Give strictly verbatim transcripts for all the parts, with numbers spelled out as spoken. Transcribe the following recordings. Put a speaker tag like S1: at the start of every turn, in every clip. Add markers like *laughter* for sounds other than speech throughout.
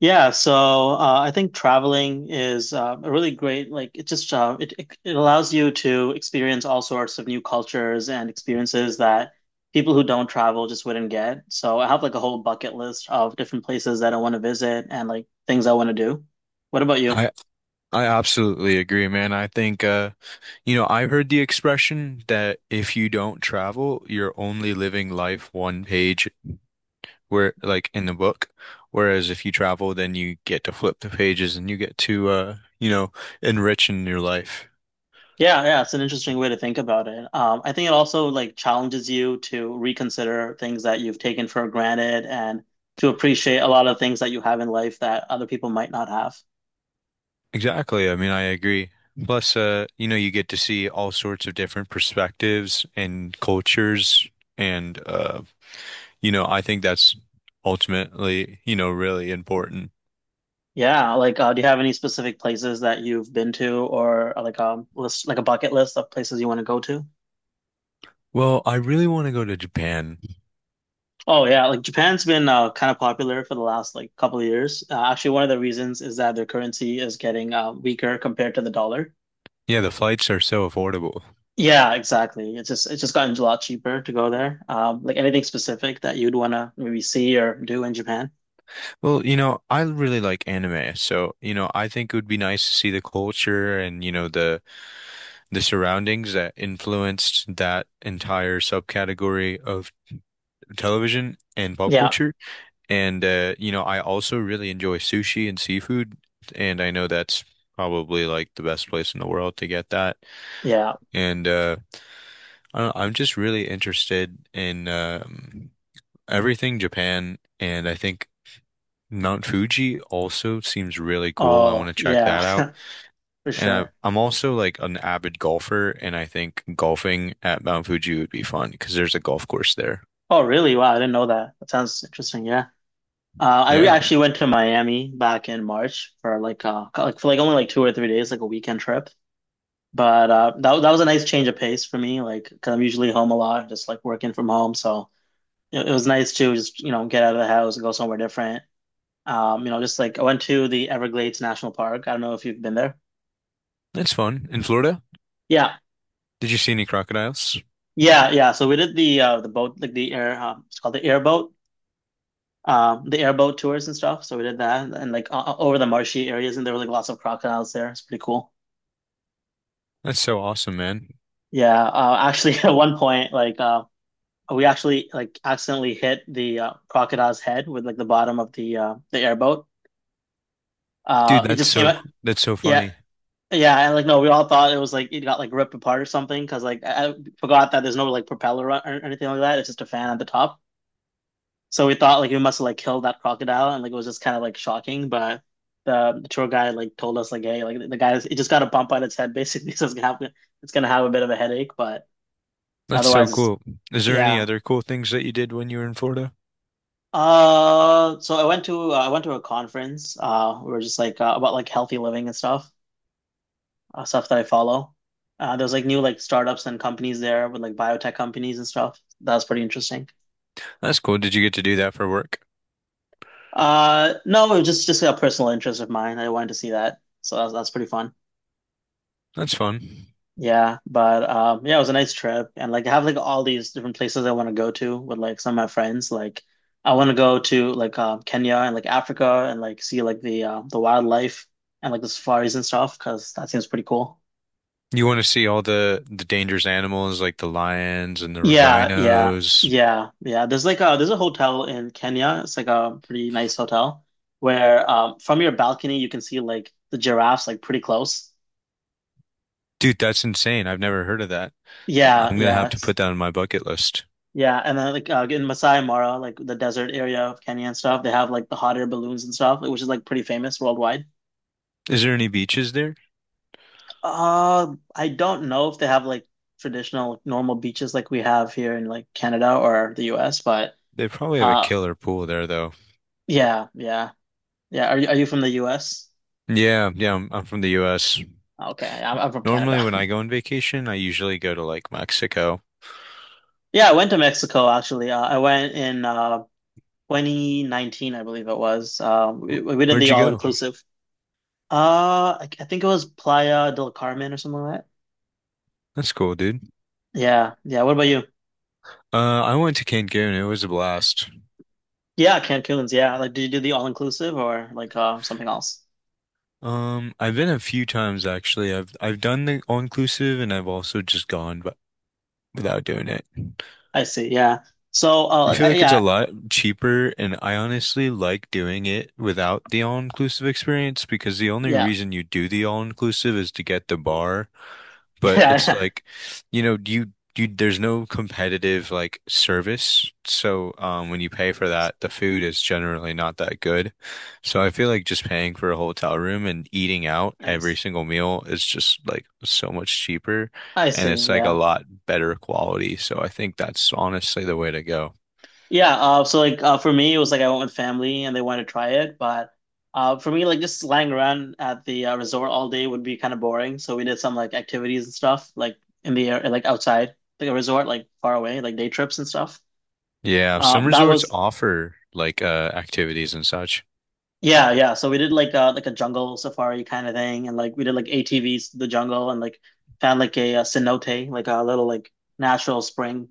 S1: Yeah, so uh, I think traveling is uh, a really great like it just uh, it it it allows you to experience all sorts of new cultures and experiences that people who don't travel just wouldn't get. So I have like a whole bucket list of different places that I want to visit and like things I want to do. What about you?
S2: I I absolutely agree, man. I think uh you know, I heard the expression that if you don't travel, you're only living life one page where like in the book. Whereas if you travel, then you get to flip the pages and you get to uh, you know, enrich in your life.
S1: Yeah, yeah, it's an interesting way to think about it. Um, I think it also like challenges you to reconsider things that you've taken for granted and to appreciate a lot of things that you have in life that other people might not have.
S2: Exactly. I mean, I agree. Plus, uh, you know, you get to see all sorts of different perspectives and cultures and uh, you know, I think that's ultimately, you know, really important.
S1: Yeah, like uh, do you have any specific places that you've been to or uh, like um list like a bucket list of places you want to go to?
S2: Well, I really want to go to Japan.
S1: Oh yeah, like Japan's been uh, kind of popular for the last like couple of years. Uh, actually, one of the reasons is that their currency is getting uh, weaker compared to the dollar.
S2: Yeah, the flights are so affordable.
S1: Yeah, exactly. It's just it's just gotten a lot cheaper to go there. Um, like anything specific that you'd want to maybe see or do in Japan?
S2: Well, you know, I really like anime, so you know, I think it would be nice to see the culture and you know the the surroundings that influenced that entire subcategory of television and pop
S1: Yeah,
S2: culture. And uh, you know, I also really enjoy sushi and seafood, and I know that's probably like the best place in the world to get that.
S1: yeah.
S2: And uh, I don't know, I'm just really interested in um everything Japan, and I think Mount Fuji also seems really cool. I want
S1: Oh
S2: to check
S1: yeah,
S2: that out.
S1: *laughs* for
S2: And
S1: sure.
S2: I, I'm also like an avid golfer, and I think golfing at Mount Fuji would be fun because there's a golf course there.
S1: Oh really? Wow, I didn't know that. That sounds interesting. Yeah. Uh, I re
S2: Yeah,
S1: Actually went to Miami back in March for like uh like for like only like two or three days, like a weekend trip. But uh, that that was a nice change of pace for me, like because 'cause I'm usually home a lot, just like working from home. So it, it was nice to just you know get out of the house and go somewhere different. Um, you know, just like I went to the Everglades National Park. I don't know if you've been there.
S2: that's fun. In Florida,
S1: Yeah,
S2: did you see any crocodiles?
S1: yeah, yeah. So we did the uh the boat like the air uh, it's called the airboat. Um, the airboat tours and stuff. So we did that, and like uh, over the marshy areas, and there were like lots of crocodiles there. It's pretty cool.
S2: That's so awesome, man.
S1: Yeah, uh, actually, *laughs* at one point, like uh, we actually like accidentally hit the uh, crocodile's head with like the bottom of the uh, the airboat.
S2: Dude,
S1: Uh, it
S2: that's
S1: just came
S2: so
S1: out.
S2: c- that's so
S1: Yeah,
S2: funny.
S1: yeah, and like no, we all thought it was like it got like ripped apart or something because like I, I forgot that there's no like propeller or, or anything like that. It's just a fan at the top. So we thought like we must have like killed that crocodile, and like it was just kind of like shocking. But the, the tour guide like told us like, hey, like the guy it just got a bump on its head basically, *laughs* so it's gonna have it's gonna have a bit of a headache, but
S2: That's so
S1: otherwise it's.
S2: cool. Is there any
S1: Yeah.
S2: other cool things that you did when you were in Florida?
S1: Uh, so I went to uh, I went to a conference. Uh, we were just like uh, about like healthy living and stuff, uh, stuff that I follow. Uh, there was like new like startups and companies there with like biotech companies and stuff. That was pretty interesting.
S2: That's cool. Did you get to do that for work?
S1: Uh, no, it was just just a personal interest of mine. I wanted to see that, so that's that's pretty fun.
S2: That's fun.
S1: Yeah, but um yeah, it was a nice trip and like I have like all these different places I want to go to with like some of my friends. Like I want to go to like uh, Kenya and like Africa and like see like the uh, the wildlife and like the safaris and stuff because that seems pretty cool.
S2: You want to see all the the dangerous animals like the lions and the
S1: Yeah, yeah,
S2: rhinos.
S1: yeah, yeah. There's like a there's a hotel in Kenya. It's like a pretty nice hotel where um from your balcony you can see like the giraffes like pretty close.
S2: Dude, that's insane. I've never heard of that.
S1: Yeah,
S2: I'm gonna have
S1: yeah.
S2: to put that on my bucket list.
S1: Yeah, and then like uh, in Masai Mara, like the desert area of Kenya and stuff, they have like the hot air balloons and stuff, which is like pretty famous worldwide.
S2: Is there any beaches there?
S1: Uh, I don't know if they have like traditional like, normal beaches like we have here in like Canada or the U S, but
S2: They probably have a
S1: uh,
S2: killer pool there though.
S1: yeah, yeah, yeah. Are you are you from the U S?
S2: Yeah, yeah, I'm, I'm from the U S.
S1: Okay, I'm, I'm from Canada.
S2: Normally when
S1: *laughs*
S2: I go on vacation, I usually go to like Mexico.
S1: Yeah, I went to Mexico actually. Uh, I went in uh twenty nineteen, I believe it was. Um, we, we did
S2: Where'd
S1: the
S2: you
S1: all
S2: go?
S1: inclusive. Uh, I, I think it was Playa del Carmen or something like that.
S2: That's cool, dude.
S1: Yeah, yeah. What about you?
S2: Uh, I went to Cancun. It was a blast.
S1: Yeah, Cancun's. Yeah, like, did you do the all inclusive or like uh, something else?
S2: Um, I've been a few times actually. I've I've done the all-inclusive, and I've also just gone but without doing it.
S1: I see. Yeah. So,
S2: I
S1: uh,
S2: feel
S1: I-
S2: like it's a
S1: yeah,
S2: lot cheaper, and I honestly like doing it without the all-inclusive experience because the only
S1: yeah,
S2: reason you do the all-inclusive is to get the bar.
S1: *laughs*
S2: But it's
S1: yeah.
S2: like, you know, you you there's no competitive like service. So um when you pay for that, the food is generally not that good. So I feel like just paying for a hotel room and eating out every
S1: Nice.
S2: single meal is just like so much cheaper,
S1: I
S2: and
S1: see.
S2: it's like a
S1: Yeah,
S2: lot better quality. So I think that's honestly the way to go.
S1: yeah. Uh, so like uh, for me, it was like I went with family and they wanted to try it, but uh, for me, like just lying around at the uh, resort all day would be kind of boring. So we did some like activities and stuff, like in the air, like outside, like a resort, like far away, like day trips and stuff.
S2: Yeah, some
S1: Um, that
S2: resorts
S1: was
S2: offer like uh activities and such.
S1: Yeah, yeah. So we did like uh like a jungle safari kind of thing, and like we did like A T Vs to the jungle, and like found like a, uh cenote, like a little like natural spring.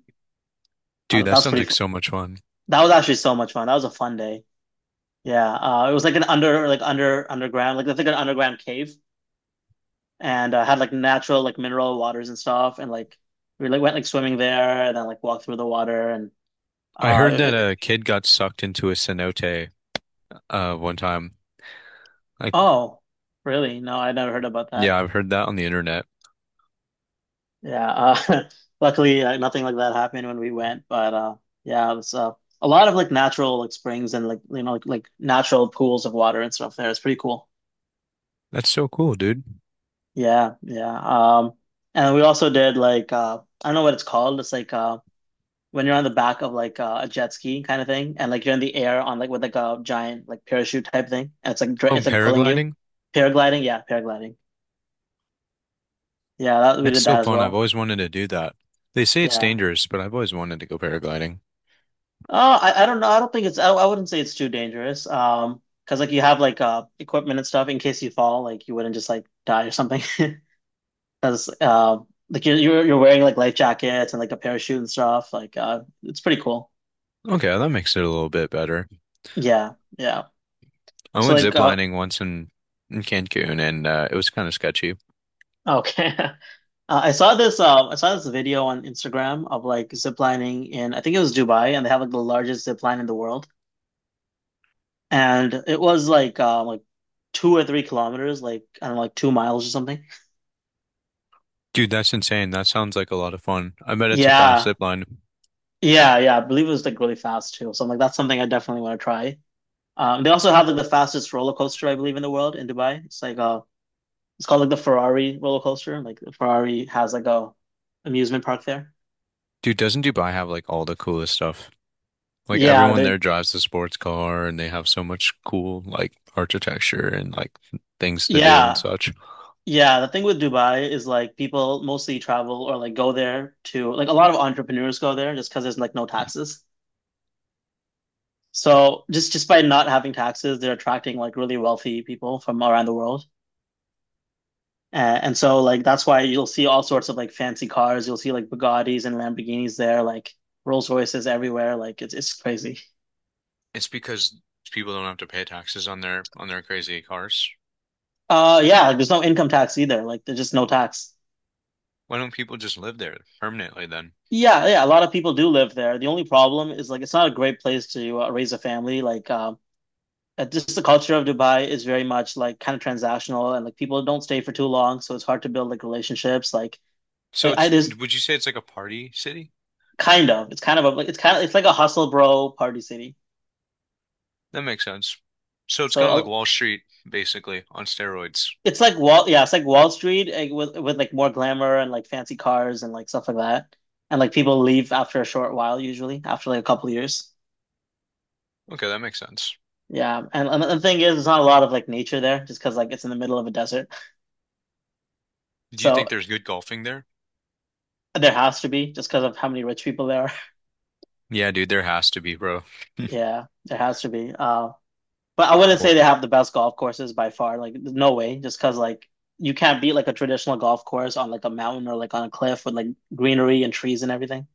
S1: Uh,
S2: Dude,
S1: that
S2: that
S1: was
S2: sounds
S1: pretty.
S2: like
S1: Fu
S2: so much fun.
S1: that was actually so much fun. That was a fun day. Yeah. Uh, it was like an under like under underground like I think an underground cave, and uh, had like natural like mineral waters and stuff, and like we like went like swimming there, and then like walked through the water, and
S2: I
S1: uh
S2: heard that
S1: it- it-
S2: a kid got sucked into a cenote uh one time. Like,
S1: oh really? No, I never heard about
S2: yeah,
S1: that.
S2: I've heard that on the internet.
S1: Yeah, uh, *laughs* luckily uh, nothing like that happened when we went, but uh, yeah, it was uh, a lot of like natural like springs and like you know like, like natural pools of water and stuff there. It's pretty cool.
S2: That's so cool, dude.
S1: Yeah, yeah. Um, and we also did like uh, I don't know what it's called. It's like uh, when you're on the back of like uh, a jet ski kind of thing, and like you're in the air on like with like a giant like parachute type thing, and it's like dr-
S2: Oh,
S1: it's like pulling you.
S2: paragliding?
S1: Paragliding, yeah, paragliding. Yeah, that, we
S2: That's
S1: did
S2: so
S1: that as
S2: fun. I've
S1: well.
S2: always wanted to do that. They say it's
S1: Yeah.
S2: dangerous, but I've always wanted to go paragliding.
S1: Uh, I, I don't know. I don't think it's, I, I wouldn't say it's too dangerous. Um, because like you have like uh equipment and stuff in case you fall, like you wouldn't just like die or something. *laughs* Because uh, like you're, you're you're wearing like life jackets and like a parachute and stuff. Like uh, it's pretty cool.
S2: Okay, that makes it a little bit better.
S1: Yeah, yeah.
S2: I
S1: So
S2: went
S1: like uh,
S2: ziplining once in, in Cancun, and uh, it was kind of sketchy.
S1: okay. *laughs* Uh, I saw this um I saw this video on Instagram of like ziplining in I think it was Dubai and they have like the largest zip line in the world and it was like um like two or three kilometers like I don't know like two miles or something.
S2: Dude, that's insane. That sounds like a lot of fun. I bet it's a fast
S1: Yeah,
S2: zip line.
S1: Yeah, yeah, I believe it was like really fast too. So I'm like, that's something I definitely want to try. Um, they also have like the fastest roller coaster I believe in the world in Dubai. It's like uh, it's called like the Ferrari roller coaster. Like Ferrari has like a amusement park there.
S2: Dude, doesn't Dubai have like all the coolest stuff? Like
S1: Yeah,
S2: everyone
S1: the
S2: there drives the sports car, and they have so much cool like architecture and like things to do and
S1: yeah,
S2: such.
S1: yeah. The thing with Dubai is like people mostly travel or like go there to like a lot of entrepreneurs go there just because there's like no taxes. So just just by not having taxes, they're attracting like really wealthy people from around the world. Uh, and so like that's why you'll see all sorts of like fancy cars. You'll see like Bugattis and Lamborghinis there, like Rolls Royces everywhere. Like it's it's crazy.
S2: It's because people don't have to pay taxes on their on their crazy cars.
S1: Uh yeah, like, there's no income tax either. Like there's just no tax.
S2: Why don't people just live there permanently then?
S1: Yeah, yeah, a lot of people do live there. The only problem is like it's not a great place to uh, raise a family. Like um uh, just the culture of Dubai is very much like kind of transactional and like people don't stay for too long, so it's hard to build like relationships. Like
S2: So
S1: like I
S2: it's,
S1: there's
S2: would you say it's like a party city?
S1: kind of it's kind of a, like it's kind of it's like a hustle bro party city.
S2: That makes sense. So it's
S1: So
S2: kind of like
S1: uh,
S2: Wall Street, basically, on steroids.
S1: It's like Wall, yeah, it's like Wall Street like, with with like more glamour and like fancy cars and like stuff like that. And like people leave after a short while usually, after like a couple years.
S2: Okay, that makes sense.
S1: Yeah, and, and the thing is, there's not a lot of like nature there, just because like it's in the middle of a desert.
S2: Do you
S1: So
S2: think there's good golfing there?
S1: there has to be, just because of how many rich people there are. *laughs*
S2: Yeah, dude, there has to be, bro.
S1: Yeah, there has to be. Uh, but I wouldn't say
S2: Well,
S1: they have the best golf courses by far. Like no way, just because like you can't beat like a traditional golf course on like a mountain or like on a cliff with like greenery and trees and everything.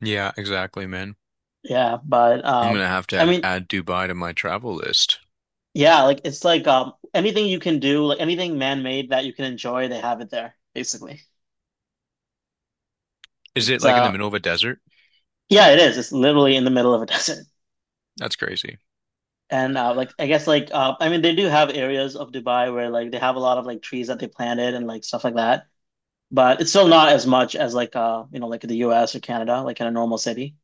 S2: yeah, exactly, man.
S1: Yeah, but
S2: I'm
S1: um,
S2: gonna have to
S1: I
S2: have,
S1: mean,
S2: add Dubai to my travel list.
S1: yeah, like it's like um anything you can do, like anything man-made that you can enjoy, they have it there, basically.
S2: Is it like in the
S1: So
S2: middle of a desert?
S1: yeah, it is. It's literally in the middle of a *laughs* desert.
S2: That's crazy.
S1: And uh like I guess like uh I mean they do have areas of Dubai where like they have a lot of like trees that they planted and like stuff like that. But it's still not as much as like uh you know like the U S or Canada, like in a normal city.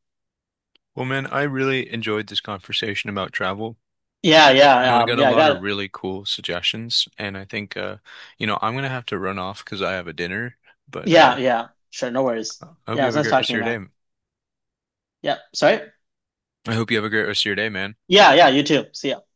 S2: Well, man, I really enjoyed this conversation about travel.
S1: Yeah,
S2: You know,
S1: yeah,
S2: I
S1: um
S2: got a
S1: yeah, I
S2: lot
S1: got
S2: of
S1: it.
S2: really cool suggestions, and I think, uh, you know, I'm gonna have to run off because I have a dinner. But
S1: Yeah,
S2: uh,
S1: yeah, sure, no worries.
S2: I hope
S1: Yeah, it
S2: you
S1: was
S2: have a
S1: nice
S2: great
S1: talking
S2: rest
S1: to
S2: of
S1: you,
S2: your day.
S1: man. Yeah, sorry.
S2: I hope you have a great rest of your day, man.
S1: Yeah, yeah, you too. See ya.